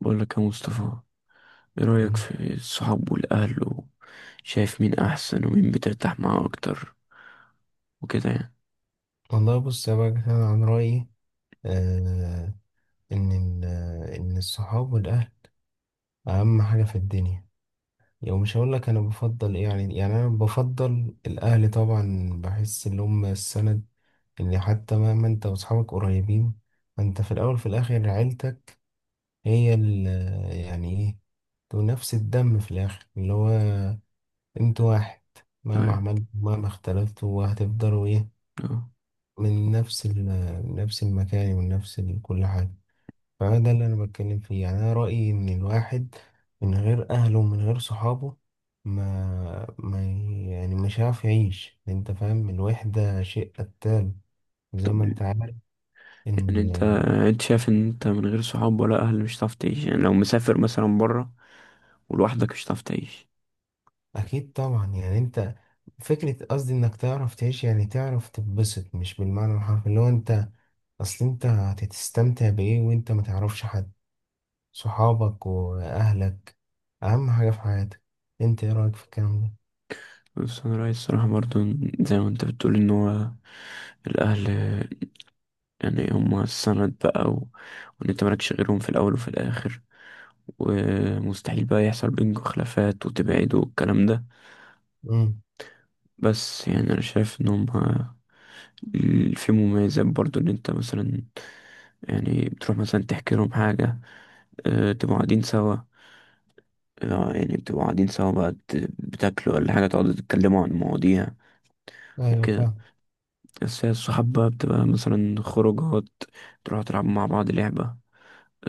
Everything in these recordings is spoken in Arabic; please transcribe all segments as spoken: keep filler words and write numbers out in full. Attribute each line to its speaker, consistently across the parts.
Speaker 1: بقول لك يا مصطفى، ايه رأيك
Speaker 2: مم.
Speaker 1: في الصحاب والأهل وشايف مين أحسن ومين بترتاح معاه أكتر وكده يعني؟
Speaker 2: والله بص يا بقى أنا عن رأيي، آه إن ال- آه، إن الصحاب والأهل أهم حاجة في الدنيا. يعني مش هقول لك أنا بفضل إيه، يعني يعني أنا بفضل الأهل. طبعا بحس إن هم السند، إن حتى مهما أنت وأصحابك قريبين، فأنت في الأول في الآخر عيلتك. هي ال آه، يعني إيه، تو نفس الدم في الآخر، اللي هو أنتوا واحد. مهما
Speaker 1: أيوة.
Speaker 2: عملتوا مهما اختلفتوا هتفضلوا إيه،
Speaker 1: أه.
Speaker 2: من نفس ال- آه، نفس المكان، ومن نفس ال- كل حاجة. فده اللي انا بتكلم فيه. يعني انا رأيي ان الواحد من غير اهله ومن غير صحابه ما, ما يعني مش عارف يعيش. انت فاهم، الوحدة شيء قتال زي
Speaker 1: طب
Speaker 2: ما انت عارف.
Speaker 1: يعني انت
Speaker 2: ان
Speaker 1: انت شايف ان انت من غير صحاب ولا أهل مش هتعرف تعيش؟ يعني لو مسافر مثلا برا ولوحدك مش هتعرف تعيش.
Speaker 2: اكيد طبعا، يعني انت فكرة قصدي انك تعرف تعيش، يعني تعرف تتبسط، مش بالمعنى الحرفي اللي هو انت اصل انت هتستمتع بايه وانت ما تعرفش حد؟ صحابك واهلك اهم حاجة في حياتك. انت ايه رأيك في الكلام ده؟
Speaker 1: بس انا رأيي الصراحة برضو إن- زي ما انت بتقول ان هو الاهل، يعني هما السند بقى. و... وان انت مالكش غيرهم في الاول وفي الاخر، ومستحيل بقى يحصل بينكم خلافات وتبعدوا والكلام ده.
Speaker 2: امم.
Speaker 1: بس يعني انا شايف ان هما ال- في مميزات برضو ان انت مثلا، يعني بتروح مثلا تحكي لهم حاجة، آه، تبقوا قاعدين سوا. آه، يعني بتبقوا قاعدين سوا بقى بت- بتاكلوا ولا حاجة، تقعدوا تتكلموا عن مواضيع
Speaker 2: ايوه،
Speaker 1: وكده.
Speaker 2: فاهم.
Speaker 1: بس هي الصحاب بقى بتبقى مثلا خروجات، تروحوا تلعبوا مع بعض لعبة،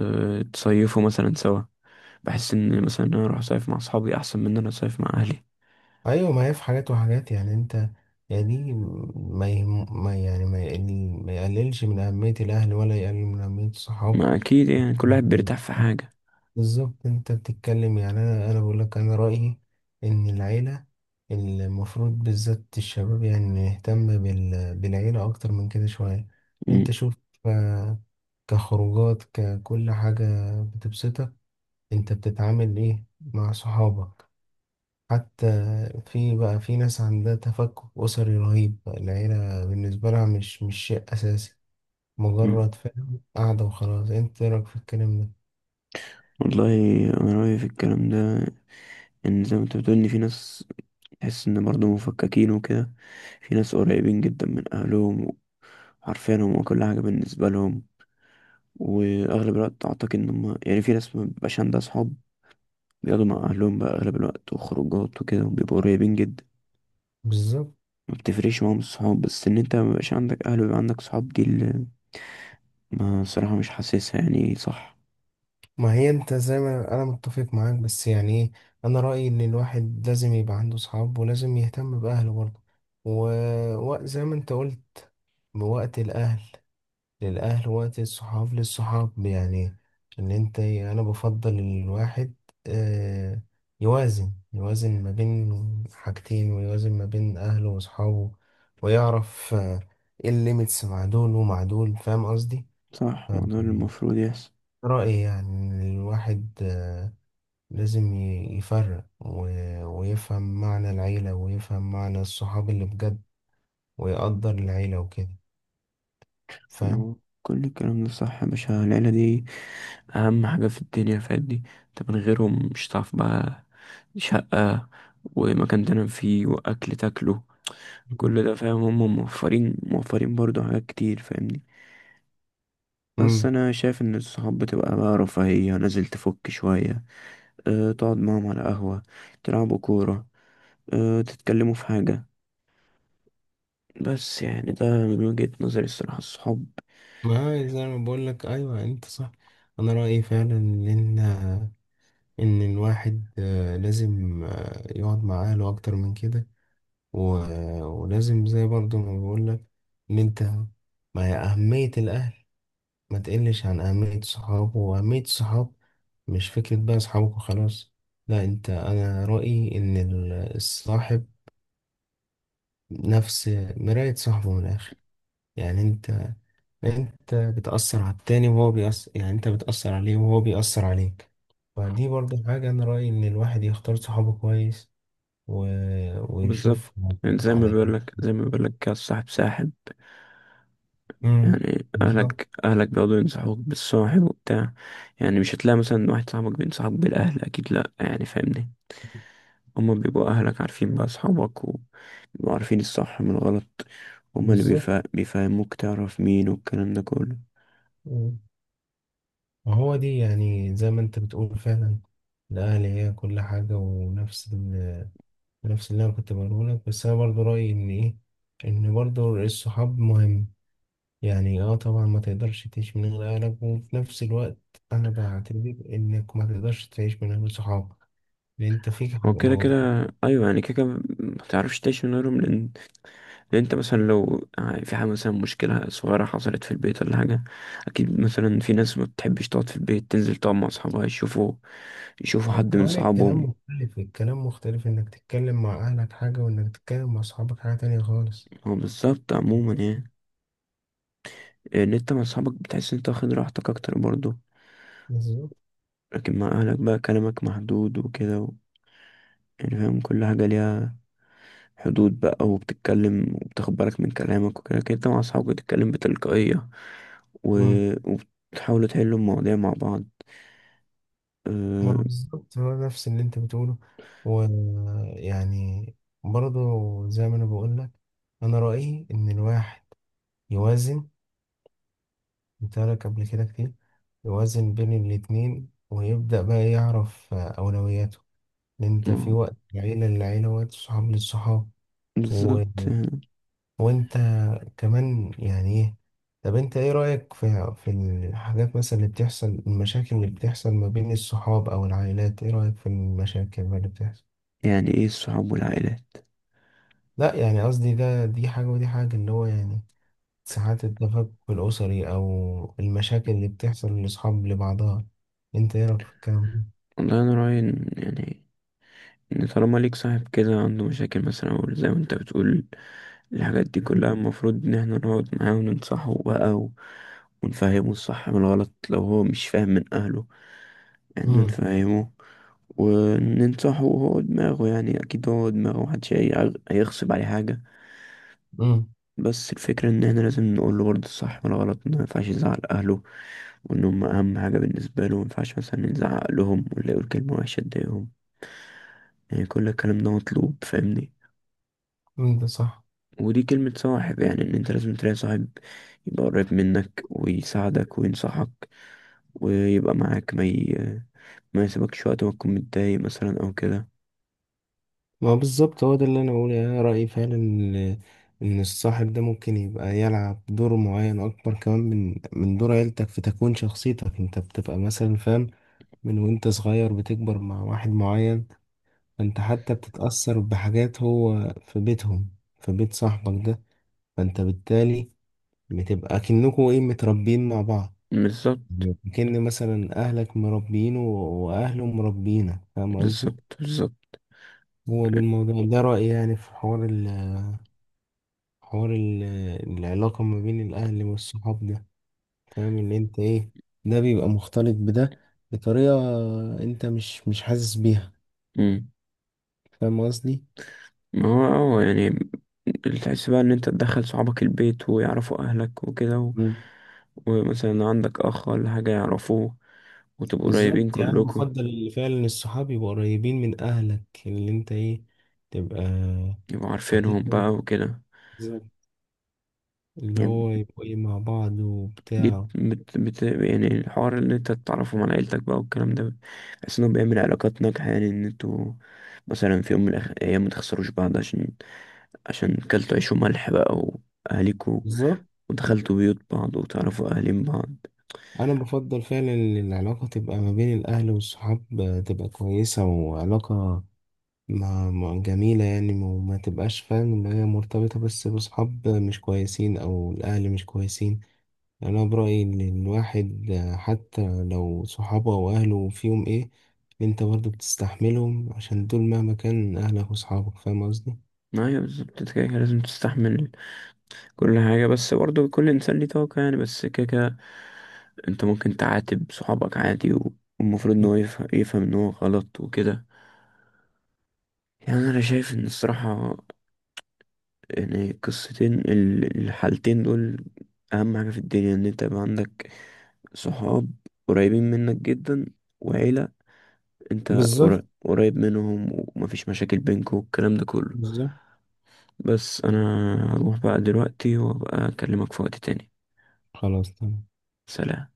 Speaker 1: أه تصيفوا مثلا سوا. بحس إن مثلا أنا أروح أصيف مع أصحابي أحسن من إن أنا أصيف مع أهلي.
Speaker 2: ايوه، ما هي في حاجات وحاجات. يعني انت، يعني ما, يهم ما يعني ما يعني ما يقللش من اهميه الاهل، ولا يقلل من اهميه الصحاب.
Speaker 1: ما أكيد يعني كل واحد بيرتاح في حاجة.
Speaker 2: بالظبط، انت بتتكلم. يعني انا انا بقول لك انا رايي ان العيله المفروض، بالذات الشباب، يعني نهتم بال بالعيله اكتر من كده شويه. انت
Speaker 1: مم.
Speaker 2: شوف، آه، كخروجات، ككل حاجه بتبسطك. انت بتتعامل ايه مع صحابك حتى؟ في بقى في ناس عندها تفكك أسري رهيب، العيلة بالنسبة لها مش مش شيء أساسي،
Speaker 1: مم.
Speaker 2: مجرد فاهم قاعدة وخلاص. أنت إيه رأيك في الكلام ده؟
Speaker 1: والله، أنا رأيي في الكلام ده إن زي ما أنت بتقول إن في ناس تحس إن برضه مفككين وكده، في ناس قريبين جدا من أهلهم وعارفينهم وكل حاجة بالنسبة لهم. وأغلب الوقت أعتقد إن هم، يعني في ناس مبيبقاش عندها صحاب، بيقعدوا مع أهلهم بقى أغلب الوقت وخروجات وكده وبيبقوا قريبين جدا.
Speaker 2: بالظبط.
Speaker 1: ما بتفرقش معاهم الصحاب، بس إن أنت مبقاش عندك أهل ويبقى عندك صحاب دي اللي، ما الصراحة مش حاسسها يعني. صح.
Speaker 2: ما هي أنت زي ما أنا متفق معاك، بس يعني إيه، أنا رأيي إن الواحد لازم يبقى عنده صحاب، ولازم يهتم بأهله برضه. و... وزي ما أنت قلت، بوقت الأهل للأهل، وقت الصحاب للصحاب. يعني إن أنت إيه، أنا بفضل الواحد آه، يوازن يوازن ما بين حاجتين، ويوازن ما بين أهله وأصحابه، ويعرف آه، إيه الليميتس مع دول ومع دول. فاهم قصدي؟
Speaker 1: صح،
Speaker 2: ف-
Speaker 1: ما هو ده اللي المفروض يحصل.
Speaker 2: رأيي يعني إن الواحد آه، لازم ي- يفرق و- ويفهم معنى العيلة، ويفهم معنى الصحاب اللي بجد، ويقدر العيلة وكده.
Speaker 1: ما
Speaker 2: فاهم؟
Speaker 1: هو كل الكلام ده صح يا باشا، العيلة دي أهم حاجة في الدنيا فادي. أنت من غيرهم مش هتعرف بقى شقة ومكان تنام فيه وأكل تاكله،
Speaker 2: مم.
Speaker 1: كل ده. فاهم، هم موفرين موفرين برضو حاجات كتير، فاهمني. بس
Speaker 2: مم.
Speaker 1: انا شايف ان الصحاب بتبقى بقى رفاهية، نازل تفك شوية، أه تقعد معاهم على قهوة، تلعبوا كورة، أه تتكلموا في حاجة. بس يعني ده من وجهة نظري الصراحة، الصحاب.
Speaker 2: ما زي ما بقول لك، ايوه انت صح. انا رايي فعلا ان ان الواحد آه، لازم آه، يقعد مع اهله اكتر من كده. و- ولازم، زي برضو ما بقول لك، ان انت، ما هي اهميه الاهل ما تقلش عن اهميه الصحاب، واهميه الصحاب مش فكره بقى اصحابك وخلاص. لا انت، انا رايي ان ال- الصاحب نفس مرايه صاحبه من الاخر. يعني انت، انت بتأثر على التاني وهو بيأثر، يعني انت بتأثر عليه وهو بيأثر عليك. فدي برضه حاجة. انا رأيي ان الواحد يختار صحابه كويس و...
Speaker 1: بالظبط،
Speaker 2: ويشوف
Speaker 1: يعني زي ما
Speaker 2: على كده.
Speaker 1: بيقولك زي ما بيقولك كده الصاحب ساحب.
Speaker 2: امم.
Speaker 1: يعني
Speaker 2: بالظبط،
Speaker 1: أهلك أهلك بيقعدوا ينصحوك بالصاحب وبتاع. يعني مش هتلاقي مثلا واحد صاحبك بينصحك بالأهل، أكيد لأ، يعني فاهمني. هما بيبقوا أهلك عارفين بقى أصحابك، بيبقوا عارفين الصح من الغلط. هما اللي
Speaker 2: بالظبط.
Speaker 1: بيفا... بيفهموك تعرف مين والكلام ده كله.
Speaker 2: مم. وهو دي، يعني زي ما انت بتقول فعلا، الأهل هي كل حاجة. ونفس ال... نفس اللي انا كنت بقوله لك. بس انا برضه رأيي ان ايه، ان برضه الصحاب مهم. يعني اه طبعا ما تقدرش تعيش من غير اهلك، وفي نفس الوقت انا بعتبر انك ما تقدرش تعيش من غير صحابك، لان انت فيك حاجة،
Speaker 1: هو كده
Speaker 2: موضوع.
Speaker 1: كده. ايوه يعني كده كده، ما تعرفش تعيش من غيرهم، لان لان انت مثلا لو في حاجه، مثلا مشكله صغيره حصلت في البيت ولا حاجه، اكيد مثلا في ناس ما بتحبش تقعد في البيت، تنزل تقعد مع اصحابها، يشوفوا يشوفوا حد من
Speaker 2: وكمان الكلام
Speaker 1: صحابهم.
Speaker 2: مختلف، الكلام مختلف، انك تتكلم مع اهلك حاجة، وانك تتكلم مع صحابك حاجة تانية خالص.
Speaker 1: هو بالظبط عموما،
Speaker 2: بالظبط.
Speaker 1: يعني ان انت مع صحابك بتحس ان انت واخد راحتك اكتر برضه.
Speaker 2: بالظبط.
Speaker 1: لكن مع اهلك بقى كلامك محدود وكده و... يعني فاهم، كل حاجه ليها حدود بقى، وبتتكلم وبتاخد بالك من كلامك، وكده كده انت مع أصحابك بتتكلم بتلقائية و...
Speaker 2: مم.
Speaker 1: وبتحاولوا تحلوا المواضيع مع بعض
Speaker 2: ما
Speaker 1: أه...
Speaker 2: بالظبط، هو نفس اللي انت بتقوله. ويعني برضه زي ما انا بقول لك، انا رأيي ان الواحد يوازن، ترك قبل كده كتير، يوازن بين الاتنين، ويبدأ بقى يعرف آه، أولوياته، لأن أنت في
Speaker 1: ما-
Speaker 2: وقت العيلة للعيلة، وقت صحاب للصحاب. و...
Speaker 1: بالظبط.
Speaker 2: وأنت كمان، يعني إيه، طب أنت إيه رأيك في في الحاجات مثلا اللي بتحصل، المشاكل اللي بتحصل ما بين الصحاب أو العائلات؟ إيه رأيك في المشاكل اللي بتحصل؟
Speaker 1: يعني ايه الصحاب والعائلات؟
Speaker 2: لا، يعني قصدي ده دي حاجة ودي حاجة. اللي هو يعني ساعات التفكك الأسري، أو المشاكل اللي بتحصل لأصحاب لبعضها. أنت إيه رأيك في الكلام ده؟
Speaker 1: والله، أنا رأيي إن، يعني إن طالما ليك صاحب كده عنده مشاكل مثلا أو زي ما انت بتقول الحاجات دي كلها، المفروض إن احنا نقعد معاه وننصحه بقى و... ونفهمه الصح من الغلط لو هو مش فاهم من أهله، يعني
Speaker 2: امم.
Speaker 1: نفهمه وننصحه. هو دماغه، يعني اكيد هو دماغه محدش هي- هيغصب عليه حاجه.
Speaker 2: امم.
Speaker 1: بس الفكره ان احنا لازم نقول له برضه الصح ولا غلط، إنه ما ينفعش يزعل اهله وان هم اهم حاجه بالنسبه له، ما ينفعش مثلا نزعق لهم ولا يقول كلمه وحشه تضايقهم. يعني كل الكلام ده مطلوب، فاهمني.
Speaker 2: ده صح.
Speaker 1: ودي كلمه صاحب، يعني ان انت لازم تلاقي صاحب يبقى قريب منك ويساعدك وينصحك ويبقى معاك، ما ي... ما يسيبكش وقت ما تكون متضايق مثلا او كده.
Speaker 2: ما هو بالظبط، هو ده اللي انا بقوله. يعني انا رايي فعلا ان، إن الصاحب ده ممكن يبقى يلعب دور معين اكبر كمان من من دور عيلتك في تكوين شخصيتك. انت بتبقى مثلا فاهم، من وانت صغير بتكبر مع واحد معين، فانت حتى بتتاثر بحاجات هو في بيتهم، في بيت صاحبك ده. فانت بالتالي بتبقى كأنكوا ايه، متربيين مع بعض.
Speaker 1: بالظبط.
Speaker 2: كأن مثلا اهلك مربيينه واهله مربيينك. فاهم قصدي؟
Speaker 1: بالظبط. بالظبط.
Speaker 2: هو ده الموضوع، ده رأيي يعني في حوار ال حوار ال العلاقة ما بين الأهل والصحاب ده. فاهم إن أنت إيه، ده بيبقى مختلط بده بطريقة أنت مش مش حاسس بيها.
Speaker 1: مم.
Speaker 2: فاهم قصدي؟
Speaker 1: ما هو اه يعني تحس بقى ان انت تدخل صحابك البيت ويعرفوا اهلك وكده و...
Speaker 2: مم.
Speaker 1: ومثلا عندك اخ ولا حاجة يعرفوه، وتبقوا
Speaker 2: بالظبط،
Speaker 1: قريبين
Speaker 2: يعني أنا
Speaker 1: كلكوا.
Speaker 2: بفضل اللي فعلا الصحاب يبقوا قريبين من أهلك، اللي أنت إيه، تبقى
Speaker 1: يبقوا عارفينهم بقى
Speaker 2: حاططهم.
Speaker 1: وكده.
Speaker 2: بالظبط. اللي
Speaker 1: يعني
Speaker 2: هو يبقوا إيه مع بعض
Speaker 1: دي
Speaker 2: وبتاع.
Speaker 1: بت... بت... يعني الحوار ان انت تتعرفهم على عيلتك بقى والكلام ده. بحس انه بيعمل علاقات ناجحة، يعني ان انتوا مثلا في يوم من الأخ- الايام ما تخسروش بعض، عشان عشان كلتوا عيش وملح بقى واهاليكوا.
Speaker 2: بالظبط.
Speaker 1: ودخلتوا بيوت بعض وتعرفوا اهالين بعض.
Speaker 2: انا بفضل فعلا ان العلاقه تبقى ما بين الاهل والصحاب آه، تبقى كويسه، وعلاقه ما ما- جميله. يعني ما- وما ما تبقاش فاهم ان هي مرتبطه بس بصحاب مش كويسين او الاهل مش كويسين. يعني انا برايي ان الواحد آه، حتى لو صحابه واهله فيهم ايه، انت برضه بتستحملهم عشان دول مهما كان اهلك وصحابك. فاهم قصدي؟
Speaker 1: ايوه بالظبط، كده كده لازم تستحمل كل حاجة، بس برضو كل إنسان ليه طاقة، يعني بس كده كده. أنت ممكن تعاتب صحابك عادي و- والمفروض إن هو يفهم, يفهم إن هو غلط وكده. يعني أنا شايف إن الصراحة، يعني القصتين ال- الحالتين دول أهم حاجة في الدنيا، إن أنت يبقى عندك صحاب قريبين منك جدا، وعيلة أنت قر-
Speaker 2: بالظبط.
Speaker 1: قريب منهم، ومفيش مشاكل بينكوا والكلام ده كله.
Speaker 2: بالظبط.
Speaker 1: بس أنا هروح بقى دلوقتي وأبقى أكلمك في وقت تاني.
Speaker 2: خلاص تمام.
Speaker 1: سلام.